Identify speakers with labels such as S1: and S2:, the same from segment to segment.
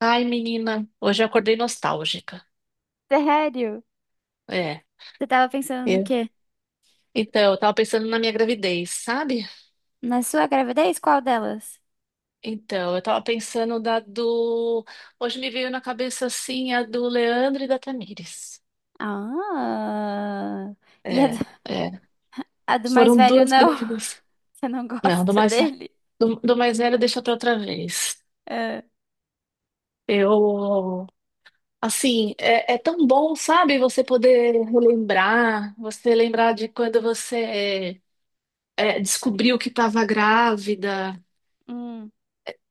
S1: Ai, menina, hoje eu acordei nostálgica.
S2: Sério?
S1: É.
S2: Você tava pensando no
S1: Eu-
S2: quê?
S1: Então, eu tava pensando na minha gravidez, sabe?
S2: Na sua gravidez? Qual delas?
S1: Então, eu tava pensando da do. Hoje me veio na cabeça assim a do Leandro e da Tamires.
S2: Ah. E
S1: É, é.
S2: a do mais
S1: Foram
S2: velho,
S1: duas
S2: não.
S1: gravidezes.
S2: Você não
S1: Não, do
S2: gosta
S1: mais,
S2: dele?
S1: do mais velho deixa pra outra vez.
S2: É.
S1: Eu. Assim, é tão bom, sabe? Você poder relembrar, você lembrar de quando você descobriu que estava grávida.
S2: Hum,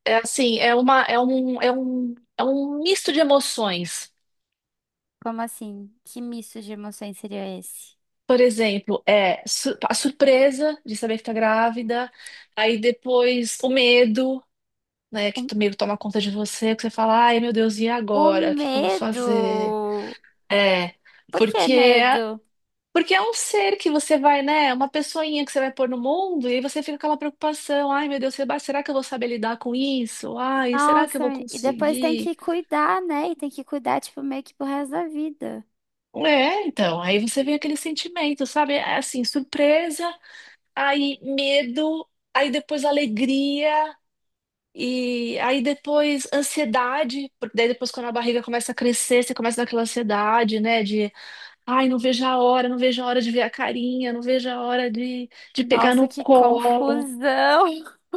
S1: É assim, é uma, é um, é um, é um misto de emoções.
S2: como assim? Que misto de emoções seria esse?
S1: Por exemplo, é a surpresa de saber que tá grávida, aí depois o medo, né, que o medo toma conta de você, que você fala, ai meu Deus, e
S2: O
S1: agora? O que que eu vou fazer?
S2: medo!
S1: É,
S2: Por que
S1: porque é,
S2: medo?
S1: porque é um ser que você vai, né, é uma pessoinha que você vai pôr no mundo, e aí você fica com aquela preocupação, ai meu Deus, será que eu vou saber lidar com isso? Ai, será que eu
S2: Nossa,
S1: vou
S2: e depois tem que
S1: conseguir?
S2: cuidar, né? E tem que cuidar, tipo, meio que pro resto da vida.
S1: É, então, aí você vem aquele sentimento, sabe? É. Assim, surpresa, aí medo, aí depois alegria, e aí depois ansiedade, porque daí depois quando a barriga começa a crescer, você começa naquela ansiedade, né? De, ai, não vejo a hora, não vejo a hora de ver a carinha, não vejo a hora de pegar
S2: Nossa,
S1: no
S2: que
S1: colo.
S2: confusão!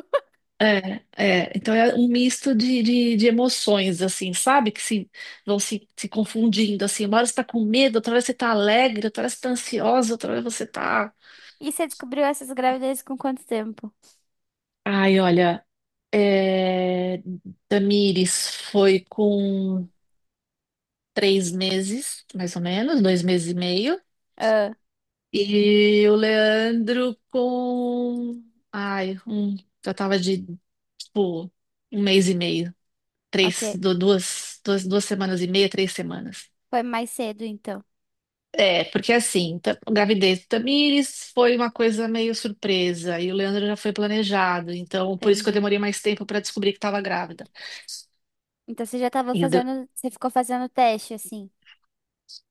S1: É, é, então é um misto de emoções, assim, sabe? Que se, vão se, se confundindo, assim. Uma hora você tá com medo, outra hora você tá alegre, outra hora você tá ansiosa, outra hora você tá...
S2: E você descobriu essas gravidezes com quanto tempo?
S1: Ai, olha, é... Tamires foi com 3 meses, mais ou menos, 2 meses e meio.
S2: Ah.
S1: E o Leandro com... Ai, um... Já tava tipo, 1 mês e meio.
S2: Ok.
S1: Três, du- duas, duas, duas semanas e meia, 3 semanas.
S2: Foi mais cedo, então.
S1: É, porque assim, a gravidez do Tamires foi uma coisa meio surpresa, e o Leandro já foi planejado, então por isso que eu
S2: Entendi.
S1: demorei mais tempo para descobrir que estava grávida.
S2: Então você já tava
S1: E eu de-
S2: fazendo. Você ficou fazendo teste, assim.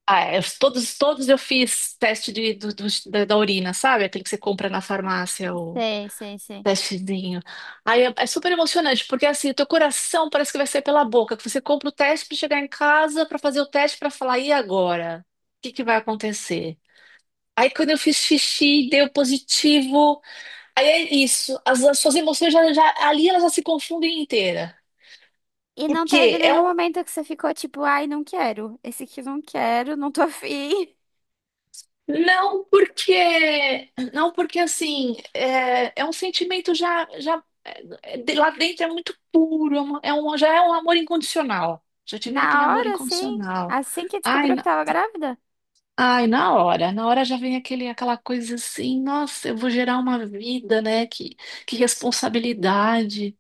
S1: ah, é, os- todos, todos eu fiz teste de, do- do- da, da urina, sabe? Aquele que você compra na farmácia, o
S2: Sei, sei, sei.
S1: testezinho. Aí é super emocionante, porque assim, o teu coração parece que vai sair pela boca, que você compra o teste para chegar em casa, para fazer o teste, para falar, e agora? O que que vai acontecer? Aí quando eu fiz xixi, deu positivo. Aí é isso, as suas emoções já, ali elas já se confundem inteira.
S2: E
S1: Por
S2: não teve
S1: quê?
S2: nenhum momento que você ficou tipo, ai, não quero. Esse aqui eu não quero, não tô afim.
S1: Não porque, não porque assim, é um sentimento já lá dentro é muito puro, já é um amor incondicional. Já te vem aquele
S2: Na
S1: amor
S2: hora, assim.
S1: incondicional.
S2: Assim que
S1: Ai,
S2: descobriu que
S1: na,
S2: tava grávida.
S1: na hora já vem aquela coisa assim, nossa, eu vou gerar uma vida, né? Que responsabilidade.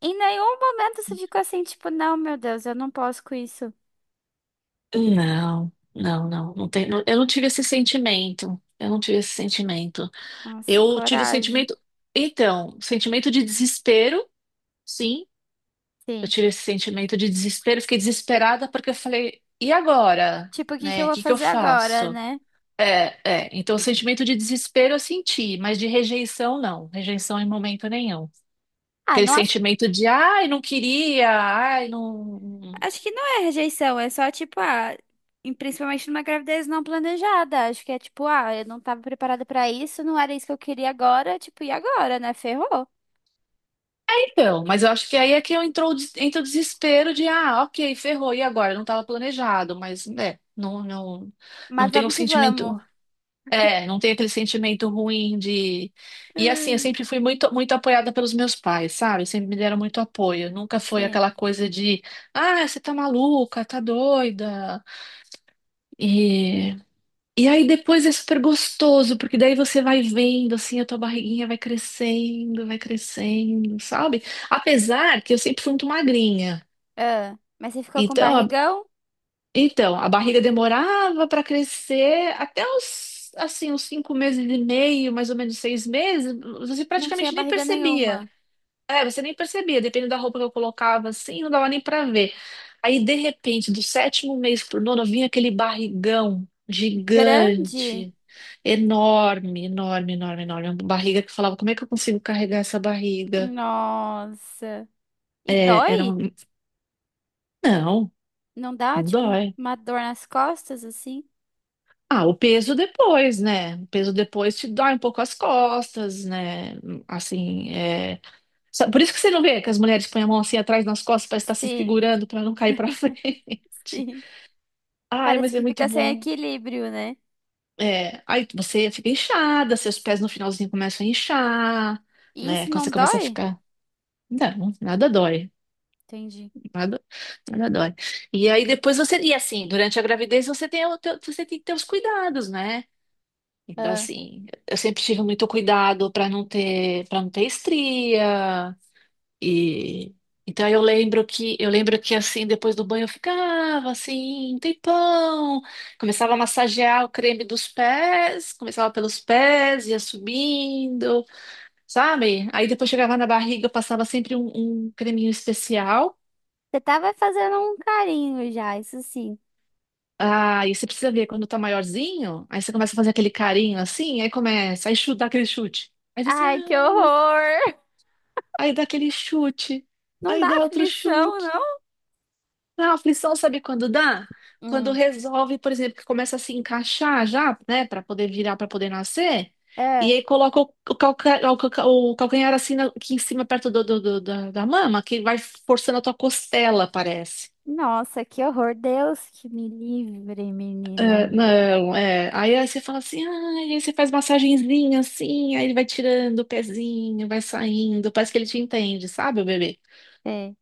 S2: Em nenhum momento você ficou assim, tipo, não, meu Deus, eu não posso com isso.
S1: Não, não, não, não tem, eu não tive esse sentimento. Eu não tive esse sentimento.
S2: Nossa,
S1: Eu tive o
S2: coragem.
S1: sentimento, então, sentimento de desespero, sim. Eu
S2: Sim.
S1: tive esse sentimento de desespero, fiquei desesperada porque eu falei, e agora?
S2: Tipo, o que que eu
S1: Né? O
S2: vou
S1: que que eu
S2: fazer agora,
S1: faço?
S2: né?
S1: É, é. Então, o sentimento de desespero eu senti, mas de rejeição não, rejeição em momento nenhum.
S2: Ah,
S1: Aquele
S2: não acho.
S1: sentimento de, ai, não queria, ai, não.
S2: Acho que não é rejeição, é só tipo, ah, em- principalmente numa gravidez não planejada. Acho que é tipo, ah, eu não tava preparada pra isso, não era isso que eu queria agora, tipo, e agora, né? Ferrou.
S1: Então, mas eu acho que aí é que eu entrou, entra o desespero de, ah, ok, ferrou, e agora? Não estava planejado, mas, não, não, não
S2: Mas
S1: tem o
S2: vamos que
S1: sentimento,
S2: vamos.
S1: não tem aquele sentimento ruim de... E assim, eu
S2: Hum.
S1: sempre fui muito, muito apoiada pelos meus pais, sabe? Sempre me deram muito apoio, nunca foi
S2: Sim.
S1: aquela coisa de, ah, você tá maluca, tá doida, E e aí depois é super gostoso, porque daí você vai vendo, assim, a tua barriguinha vai crescendo, sabe? Apesar que eu sempre fui muito magrinha.
S2: Ah, mas você ficou com
S1: Então, a,
S2: barrigão?
S1: então, a barriga demorava para crescer até os, assim, uns 5 meses e meio, mais ou menos 6 meses, você
S2: Não tinha
S1: praticamente nem
S2: barriga
S1: percebia.
S2: nenhuma.
S1: É, você nem percebia, dependendo da roupa que eu colocava assim, não dava nem pra ver. Aí, de repente, do sétimo mês pro nono, vinha aquele barrigão
S2: Grande?
S1: gigante, enorme, enorme, enorme, enorme. Uma barriga que eu falava, como é que eu consigo carregar essa barriga?
S2: Nossa. E
S1: É, era
S2: dói?
S1: um... Não,
S2: Não dá,
S1: não
S2: tipo, um-
S1: dói.
S2: uma dor nas costas, assim?
S1: Ah, o peso depois, né? O peso depois te dói um pouco as costas, né? Assim, é... Por isso que você não vê que as mulheres põem a mão assim atrás nas costas para estar se
S2: Sim,
S1: segurando, para não cair para frente.
S2: sim.
S1: Ai,
S2: Parece
S1: mas é
S2: que
S1: muito
S2: fica sem
S1: bom.
S2: equilíbrio, né?
S1: É, aí você fica inchada, seus pés no finalzinho começam a inchar,
S2: E
S1: né?
S2: isso
S1: Quando
S2: não
S1: você começa a
S2: dói?
S1: ficar. Não, nada dói.
S2: Entendi.
S1: Nada, nada dói. E aí depois você. E assim, durante a gravidez você tem, você tem que ter os cuidados, né? Então,
S2: Ah.
S1: assim, eu sempre tive muito cuidado para não ter estria, E então eu lembro que assim, depois do banho eu ficava assim, um tempão, começava a massagear o creme dos pés, começava pelos pés, ia subindo, sabe? Aí depois chegava na barriga, eu passava sempre um creminho especial.
S2: Você tava fazendo um carinho já, isso sim.
S1: Ah, e você precisa ver quando tá maiorzinho, aí você começa a fazer aquele carinho assim, aí começa, aí chuta, dá aquele chute. Aí você, ah,
S2: Ai, que horror!
S1: aí dá aquele chute,
S2: Não
S1: aí
S2: dá
S1: dá outro
S2: aflição,
S1: chute.
S2: não?
S1: A aflição sabe quando dá? Quando
S2: Hum.
S1: resolve, por exemplo, que começa a se encaixar já, né, para poder virar, para poder nascer, e
S2: É.
S1: aí coloca o calcanhar assim aqui em cima, perto da mama, que vai forçando a tua costela, parece.
S2: Nossa, que horror. Deus que me livre,
S1: É,
S2: menina.
S1: não, é. Aí, você fala assim, ah, aí você faz massagenzinha assim, aí ele vai tirando o pezinho, vai saindo, parece que ele te entende, sabe, o bebê?
S2: É,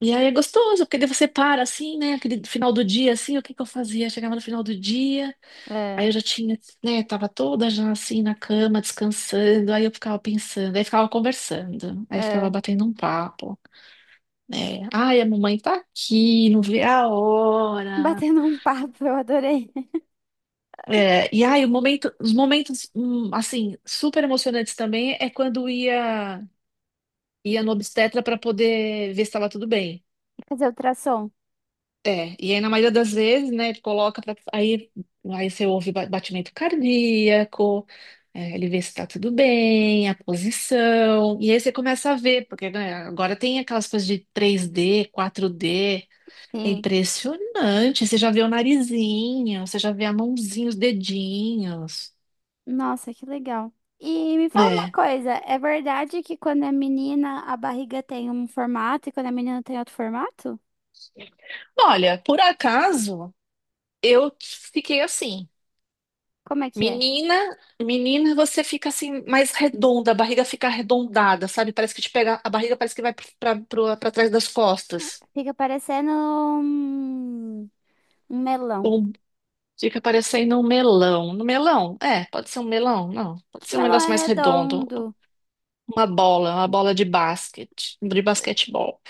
S1: E aí é gostoso, porque daí você para assim, né, aquele final do dia, assim, o que que eu fazia? Chegava no final do dia.
S2: é,
S1: Aí eu já tinha, né, tava toda já assim na cama, descansando, aí eu ficava pensando, aí ficava conversando, aí ficava
S2: é.
S1: batendo um papo, né? Ai, a mamãe tá aqui, não vê a hora.
S2: Batendo um papo, eu adorei.
S1: É, e aí o momento, os momentos, assim, super emocionantes também é quando ia, no obstetra para poder ver se estava tudo bem.
S2: Fazer ultrassom.
S1: É, e aí na maioria das vezes, né, ele coloca pra, aí você ouve batimento cardíaco, é, ele vê se tá tudo bem, a posição, e aí você começa a ver, porque né, agora tem aquelas coisas de 3D, 4D, é
S2: Sim.
S1: impressionante, você já vê o narizinho, você já vê a mãozinha, os dedinhos,
S2: Nossa, que legal. E me fala uma
S1: é.
S2: coisa, é verdade que quando é menina a barriga tem um formato e quando é menina tem outro formato?
S1: Olha, por acaso, eu fiquei assim.
S2: Como é que é?
S1: Menina, menina, você fica assim mais redonda, a barriga fica arredondada, sabe? Parece que te pega, a barriga parece que vai para trás das costas.
S2: Fica parecendo um, um melão.
S1: Ou fica parecendo um melão. No melão? É, pode ser um melão, não. Pode
S2: Que
S1: ser um
S2: melão
S1: negócio
S2: é
S1: mais redondo,
S2: redondo.
S1: uma bola de basquete, de basquetebol.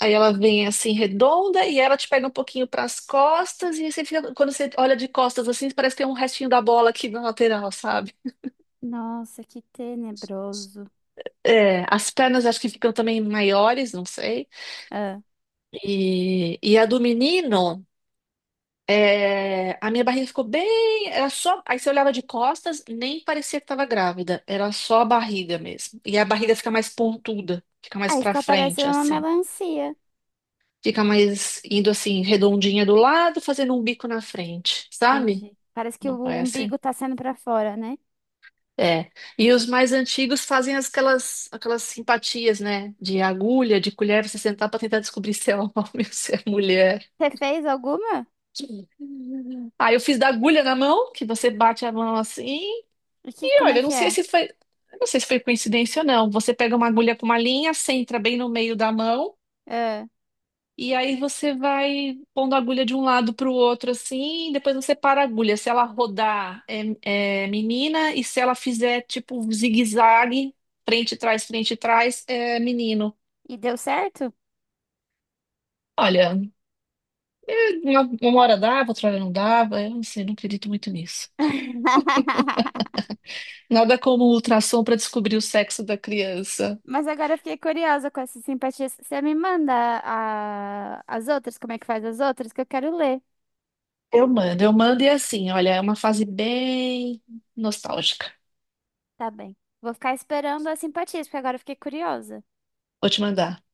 S1: Aí ela vem assim redonda e ela te pega um pouquinho para as costas e você fica, quando você olha de costas assim, parece que tem um restinho da bola aqui na lateral, sabe?
S2: Nossa, que tenebroso.
S1: É, as pernas acho que ficam também maiores, não sei.
S2: Ah,
S1: E a do menino, é, a minha barriga ficou bem. Era só. Aí você olhava de costas, nem parecia que estava grávida. Era só a barriga mesmo. E a barriga fica mais pontuda, fica mais
S2: aí
S1: pra
S2: fica
S1: frente,
S2: parecendo uma
S1: assim.
S2: melancia.
S1: Fica mais indo assim, redondinha do lado, fazendo um bico na frente, sabe?
S2: Entendi. Parece que
S1: Não
S2: o
S1: é
S2: umbigo
S1: assim?
S2: tá saindo pra fora, né?
S1: É. E os mais antigos fazem aquelas simpatias, né? De agulha, de colher, você sentar pra tentar descobrir se é homem ou se é mulher.
S2: Você fez alguma?
S1: Aí eu fiz da agulha na mão, que você bate a mão assim.
S2: E que,
S1: E
S2: como é
S1: olha,
S2: que é?
S1: eu não sei se foi coincidência ou não. Você pega uma agulha com uma linha, centra bem no meio da mão,
S2: Ah,
S1: e aí você vai pondo a agulha de um lado para o outro assim, e depois você para a agulha. Se ela rodar é menina, e se ela fizer tipo um zigue-zague, frente e trás, é menino.
S2: e deu certo?
S1: Olha, uma hora dava, outra hora não dava, eu não sei, não acredito muito nisso. Nada como o ultrassom para descobrir o sexo da criança.
S2: Mas agora eu fiquei curiosa com essas simpatias. Você me manda a- as outras, como é que faz as outras, que eu quero ler.
S1: Eu mando e é assim, olha, é uma fase bem nostálgica.
S2: Tá bem. Vou ficar esperando as simpatias, porque agora eu fiquei curiosa.
S1: Vou te mandar.